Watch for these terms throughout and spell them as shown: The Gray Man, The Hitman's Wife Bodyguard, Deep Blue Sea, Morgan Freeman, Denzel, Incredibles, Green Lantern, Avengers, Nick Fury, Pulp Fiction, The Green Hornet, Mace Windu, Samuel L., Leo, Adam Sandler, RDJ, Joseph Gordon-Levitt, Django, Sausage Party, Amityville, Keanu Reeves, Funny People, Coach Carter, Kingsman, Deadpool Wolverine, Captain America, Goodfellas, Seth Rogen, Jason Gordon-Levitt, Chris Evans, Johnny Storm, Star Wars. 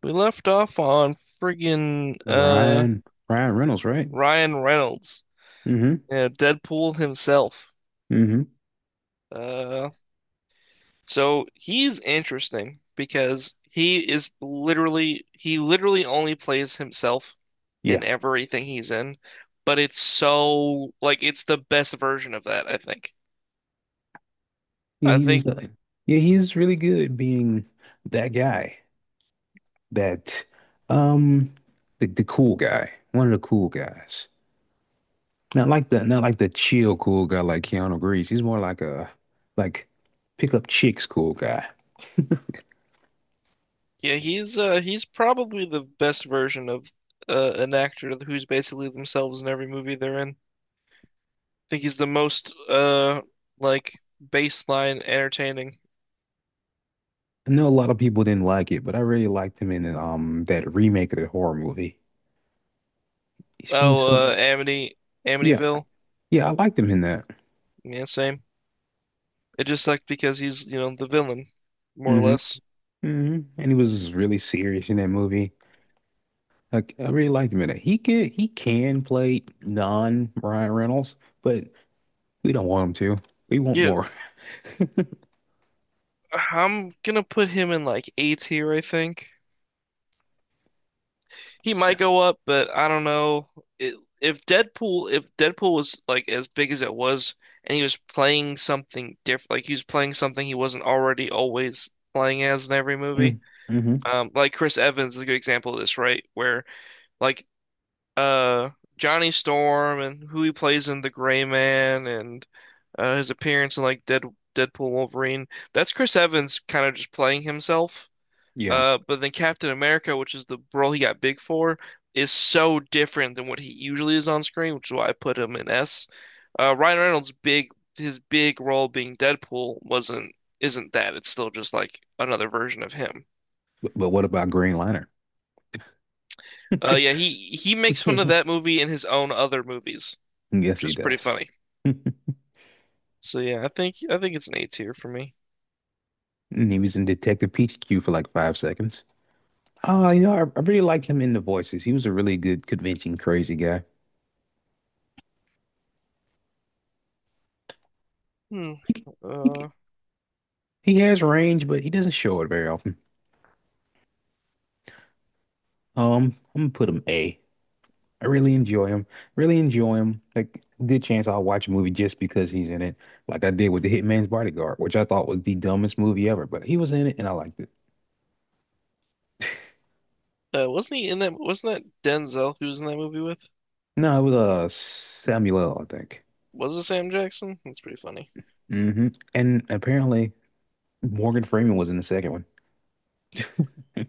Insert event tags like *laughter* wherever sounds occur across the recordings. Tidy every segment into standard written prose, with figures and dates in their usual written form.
We left off on friggin' Ryan Ryan Reynolds, right? Ryan Reynolds, Mm-hmm. Deadpool himself. Mm-hmm. Uh, so he's interesting because he literally only plays himself in Yeah. everything he's in, but it's so like it's the best version of that, I think. Yeah, I think He's uh, yeah, he's really good being that guy. That um the cool guy. One of the cool guys. Not like the not like the chill cool guy like Keanu Reeves. He's more like a like pick up chicks cool guy. yeah, he's probably the best version of an actor who's basically themselves in every movie they're in. Think he's the most like baseline entertaining. I know a lot of people didn't like it, but I really liked him in that remake of the horror movie. He's been so Oh, yeah. Amityville. Yeah, I liked him in that. Yeah, same. It just sucked because he's, you know, the villain, more or Hmm. less. Mm-hmm. And he was really serious in that movie. Like, I really liked him in it. He can play non Ryan Reynolds, but we don't want him to. We want Yeah, more. I'm gonna put him in like A tier, I think. He might go up, but I don't know. It, if Deadpool was like as big as it was, and he was playing something different, like he was playing something he wasn't already always playing as in every movie. *laughs* Mm-hmm. Like Chris Evans is a good example of this, right? Where like uh Johnny Storm and who he plays in The Gray Man and his appearance in like Deadpool Wolverine. That's Chris Evans kind of just playing himself. Yeah. But then Captain America, which is the role he got big for, is so different than what he usually is on screen, which is why I put him in S. Ryan Reynolds' big his big role being Deadpool wasn't isn't that. It's still just like another version of him. But what about Green Lantern? Yeah, he makes fun of that *laughs* movie in his own other movies, Yes, which he is pretty does. *laughs* funny. And So yeah, I think it's an A tier for me. he was in Detective Pikachu for like 5 seconds. Oh, you know, I really like him in the voices. He was a really good convention crazy guy. Hmm. He, he, Uh, he has range, but he doesn't show it very often. I'm gonna put him A. I that's really good. enjoy him. Really enjoy him. Like, good chance I'll watch a movie just because he's in it, like I did with The Hitman's Bodyguard, which I thought was the dumbest movie ever, but he was in it and I liked it. Wasn't he in that? Wasn't that Denzel who was in that movie with? No, it was Samuel, L., I think. Was it Sam Jackson? That's pretty funny. Hmm. And apparently Morgan Freeman was in the second one.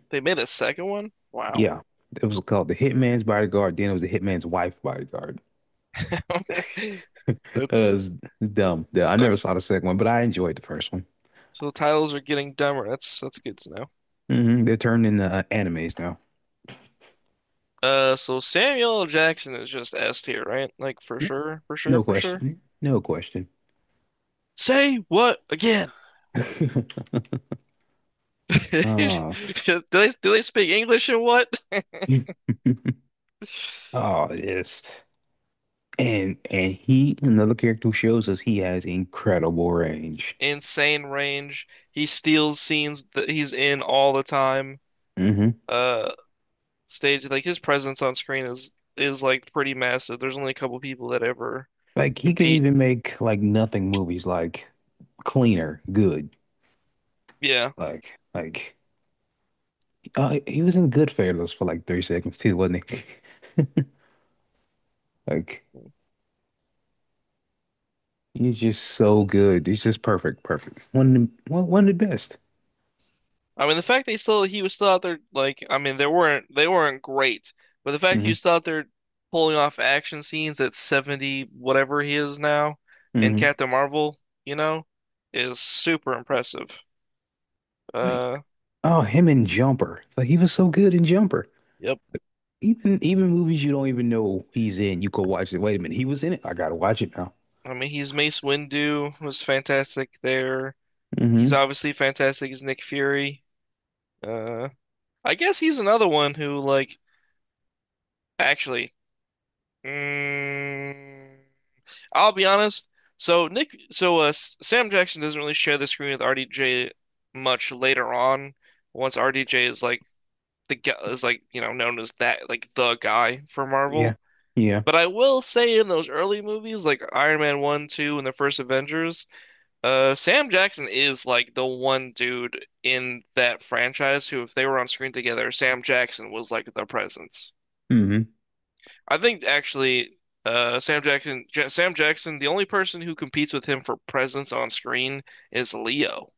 They made a second one? Wow. Yeah. It was called The Hitman's Bodyguard. Then it was The Hitman's Wife Bodyguard. *laughs* *laughs* That's it's dumb. Yeah, I uh, never saw the second one, but I enjoyed the first one. so the titles are getting dumber. That's good to know. Hmm. They're turned into animes now. So Samuel L. Jackson is just S tier, right? Like for N- sure, for sure, No for sure. question. No question. Say what again? *laughs* *laughs* Do Oh, s- do they speak English and what? *laughs* *laughs* oh, yes. And he another character who shows us he has incredible range. insane range. He steals scenes that he's in all the time. Hmm. Uh, stage like His presence on screen is like pretty massive. There's only a couple people that ever Like he can compete. even make like nothing movies like cleaner, good. Yeah. Like like he was in Goodfellas for like 3 seconds too, wasn't he? *laughs* Like he's just so good. He's just perfect, perfect. One of the best. I mean the fact that he was still out there like I mean they weren't great, but the fact that he Hmm. was still out there pulling off action scenes at 70 whatever he is now in Hmm. Captain Marvel, you know, is super impressive. Like Uh oh, him in Jumper. Like he was so good in Jumper. yep. Even movies you don't even know he's in, you go watch it. Wait a minute, he was in it. I gotta watch it now. I mean he's Mace Windu was fantastic there. He's Hmm. obviously fantastic as Nick Fury. Uh, I guess he's another one who, like, actually, mm, I'll be honest. So Nick, so Sam Jackson doesn't really share the screen with RDJ much later on. Once RDJ is like you know known as that like the guy for Marvel. Yeah. Yeah. But I will say in those early movies like Iron Man 1, 2, and the first Avengers, Sam Jackson is like the one dude in that franchise who, if they were on screen together, Sam Jackson was like the presence. Hmm. I think actually, Sam Jackson, the only person who competes with him for presence on screen is Leo.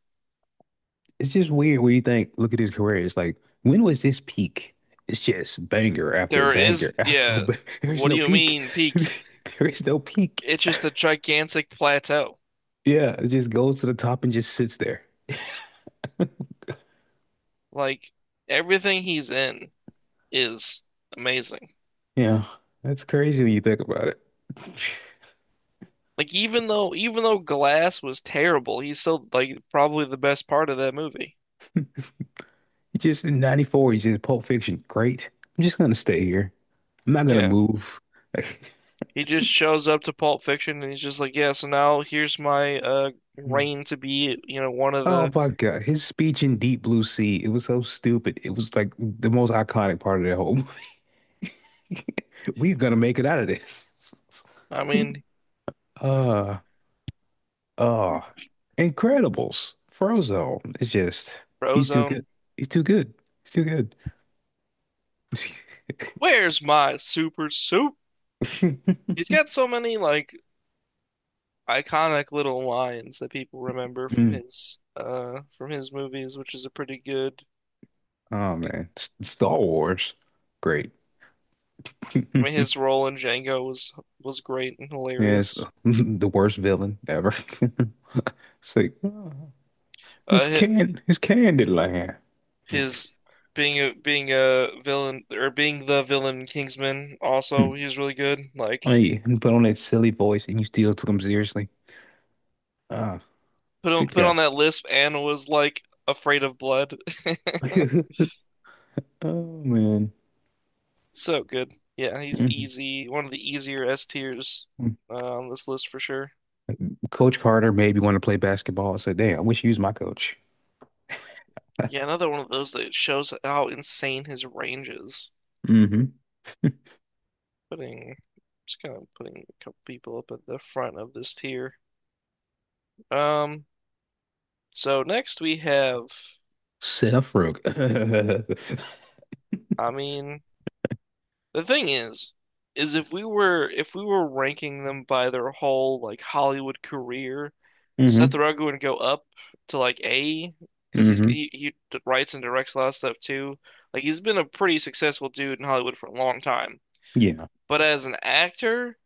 It's just weird when you think, look at his career. It's like, when was this peak? It's just There is, yeah. *laughs* There is What do no you peak. *laughs* mean peak? There is no peak. It's just a gigantic plateau. Yeah, it just goes to the top and just sits there. Like everything he's in is amazing. Yeah. That's crazy when you think about it. *laughs* Like even though Glass was terrible, he's still like probably the best part of that movie. He just in 94, he's just Pulp Fiction. Great. I'm just gonna stay here. I'm not gonna Yeah. move. He just shows up to Pulp Fiction and he's just like, yeah, so now here's my *laughs* reign to be, you know, one of the Oh my God. His speech in Deep Blue Sea, it was so stupid. It was like the most iconic part of that whole movie. *laughs* We're gonna make it out of this. I *laughs* mean, Uh, uh, Incredibles, Frozone. It's just he's too Frozone. good. He's too good. He's too good. *laughs* Where's my super soup? He's got so many like iconic little lines that people remember Mm. From his movies, which is a pretty good Oh man, S Star Wars, great. I mean his *laughs* role in Django was great and Yes, hilarious. *laughs* the worst villain ever. *laughs* It's like, oh, Uh, hi- it's Candyland. His being a villain or being the villain in Kingsman Hmm. also he was really good. Like Oh, yeah, and put on that silly voice and you still took him seriously. Ah, good put guy. on that lisp and was like afraid of blood. *laughs* *laughs* Oh man. So good. Yeah, he's Mhm. easy. One of the easier S tiers on this list for sure. Coach Carter made me want to play basketball. I said, damn, I wish he was my coach. Yeah, another one of those that shows how insane his range is. Mm-hmm. Putting Just kind of putting a couple people up at the front of this tier. Um, so next we have, Seth Rogen. I mean, The thing is, if we were ranking them by their whole like Hollywood career, *laughs* Hmm. Seth Rogen would go up to like A because he's Hmm. he, he d- writes and directs a lot of stuff too. Like he's been a pretty successful dude in Hollywood for a long time. Yeah. But as an actor,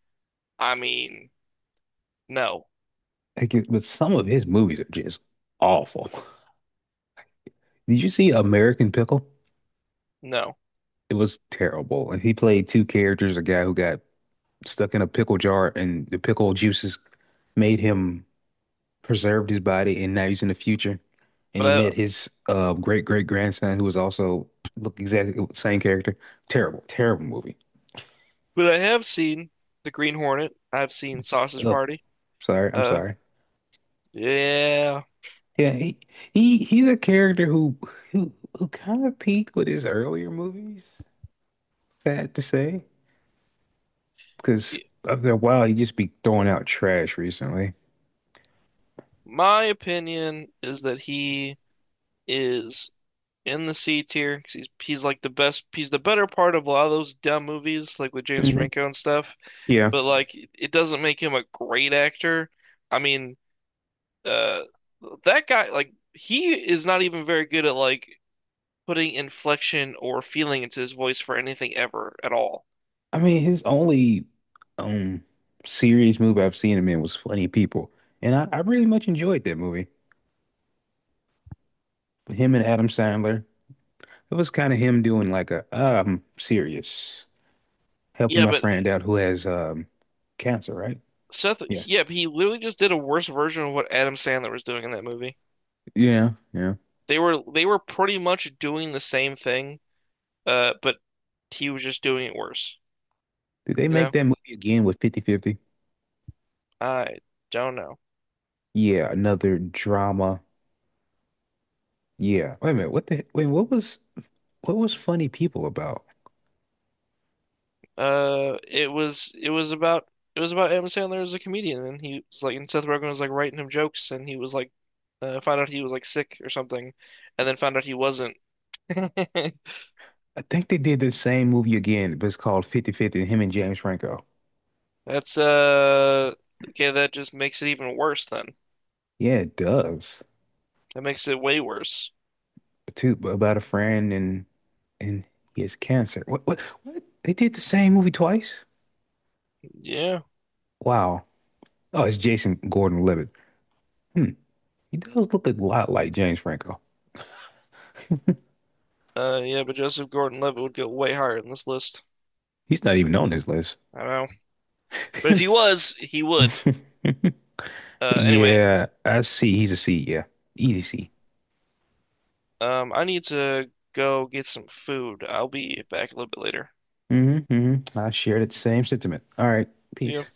I mean, no, But some of his movies are just awful. *laughs* Did you see American Pickle? no. It was terrible. And he played two characters, a guy who got stuck in a pickle jar and the pickle juices made him preserved his body, and now he's in the future. And But he I met his great great grandson, who was also look exactly the same character. Terrible, terrible movie. but I have seen The Green Hornet. I've seen Sausage Ugh. Party. Sorry, I'm Uh, sorry. yeah. Yeah, he's a character who kind of peaked with his earlier movies. Sad to say, because after a while, he just be throwing out trash recently. My opinion is that he is in the C tier because he's like the best. He's the better part of a lot of those dumb movies, like with James Hmm. Franco and stuff. Yeah, But like, it doesn't make him a great actor. I mean, uh, that guy, like, he is not even very good at like putting inflection or feeling into his voice for anything ever at all. I mean, his only um serious movie I've seen him in was Funny People, and I really much enjoyed that movie. Him and Adam Sandler. It was kind of him doing like a I'm serious, helping Yeah, my but uh, friend out who has cancer, right? Yeah. yeah, he literally just did a worse version of what Adam Sandler was doing in that movie. Yeah, yeah. They were pretty much doing the same thing, but he was just doing it worse, Did they you know? make that movie again with 50/50? I don't know. Yeah, another drama. Yeah. Wait a minute, what the wait, what was Funny People about? It was about Adam Sandler as a comedian, and he was like, and Seth Rogen was like writing him jokes, and he was like, found out he was like sick or something, and then found out he wasn't. *laughs* I think they did the same movie again, but it's called 50/50. Him and James Franco. That's okay. That just makes it even worse. Then Yeah, it does. that makes it way worse. Too about a friend and he has cancer. What? They did the same movie twice? Yeah. Wow. Oh, it's Jason Gordon-Levitt. Hmm. He does look a lot like James Franco. Yeah, but Joseph Gordon-Levitt would go way higher in this list. He's not even on this list. I don't know, but if he *laughs* was, he would. But Uh, anyway, yeah, I see. He's a C. Yeah. Easy C. um, I need to go get some food. I'll be back a little bit later. Hmm. Hmm. I share the same sentiment. All right. See ya. Peace.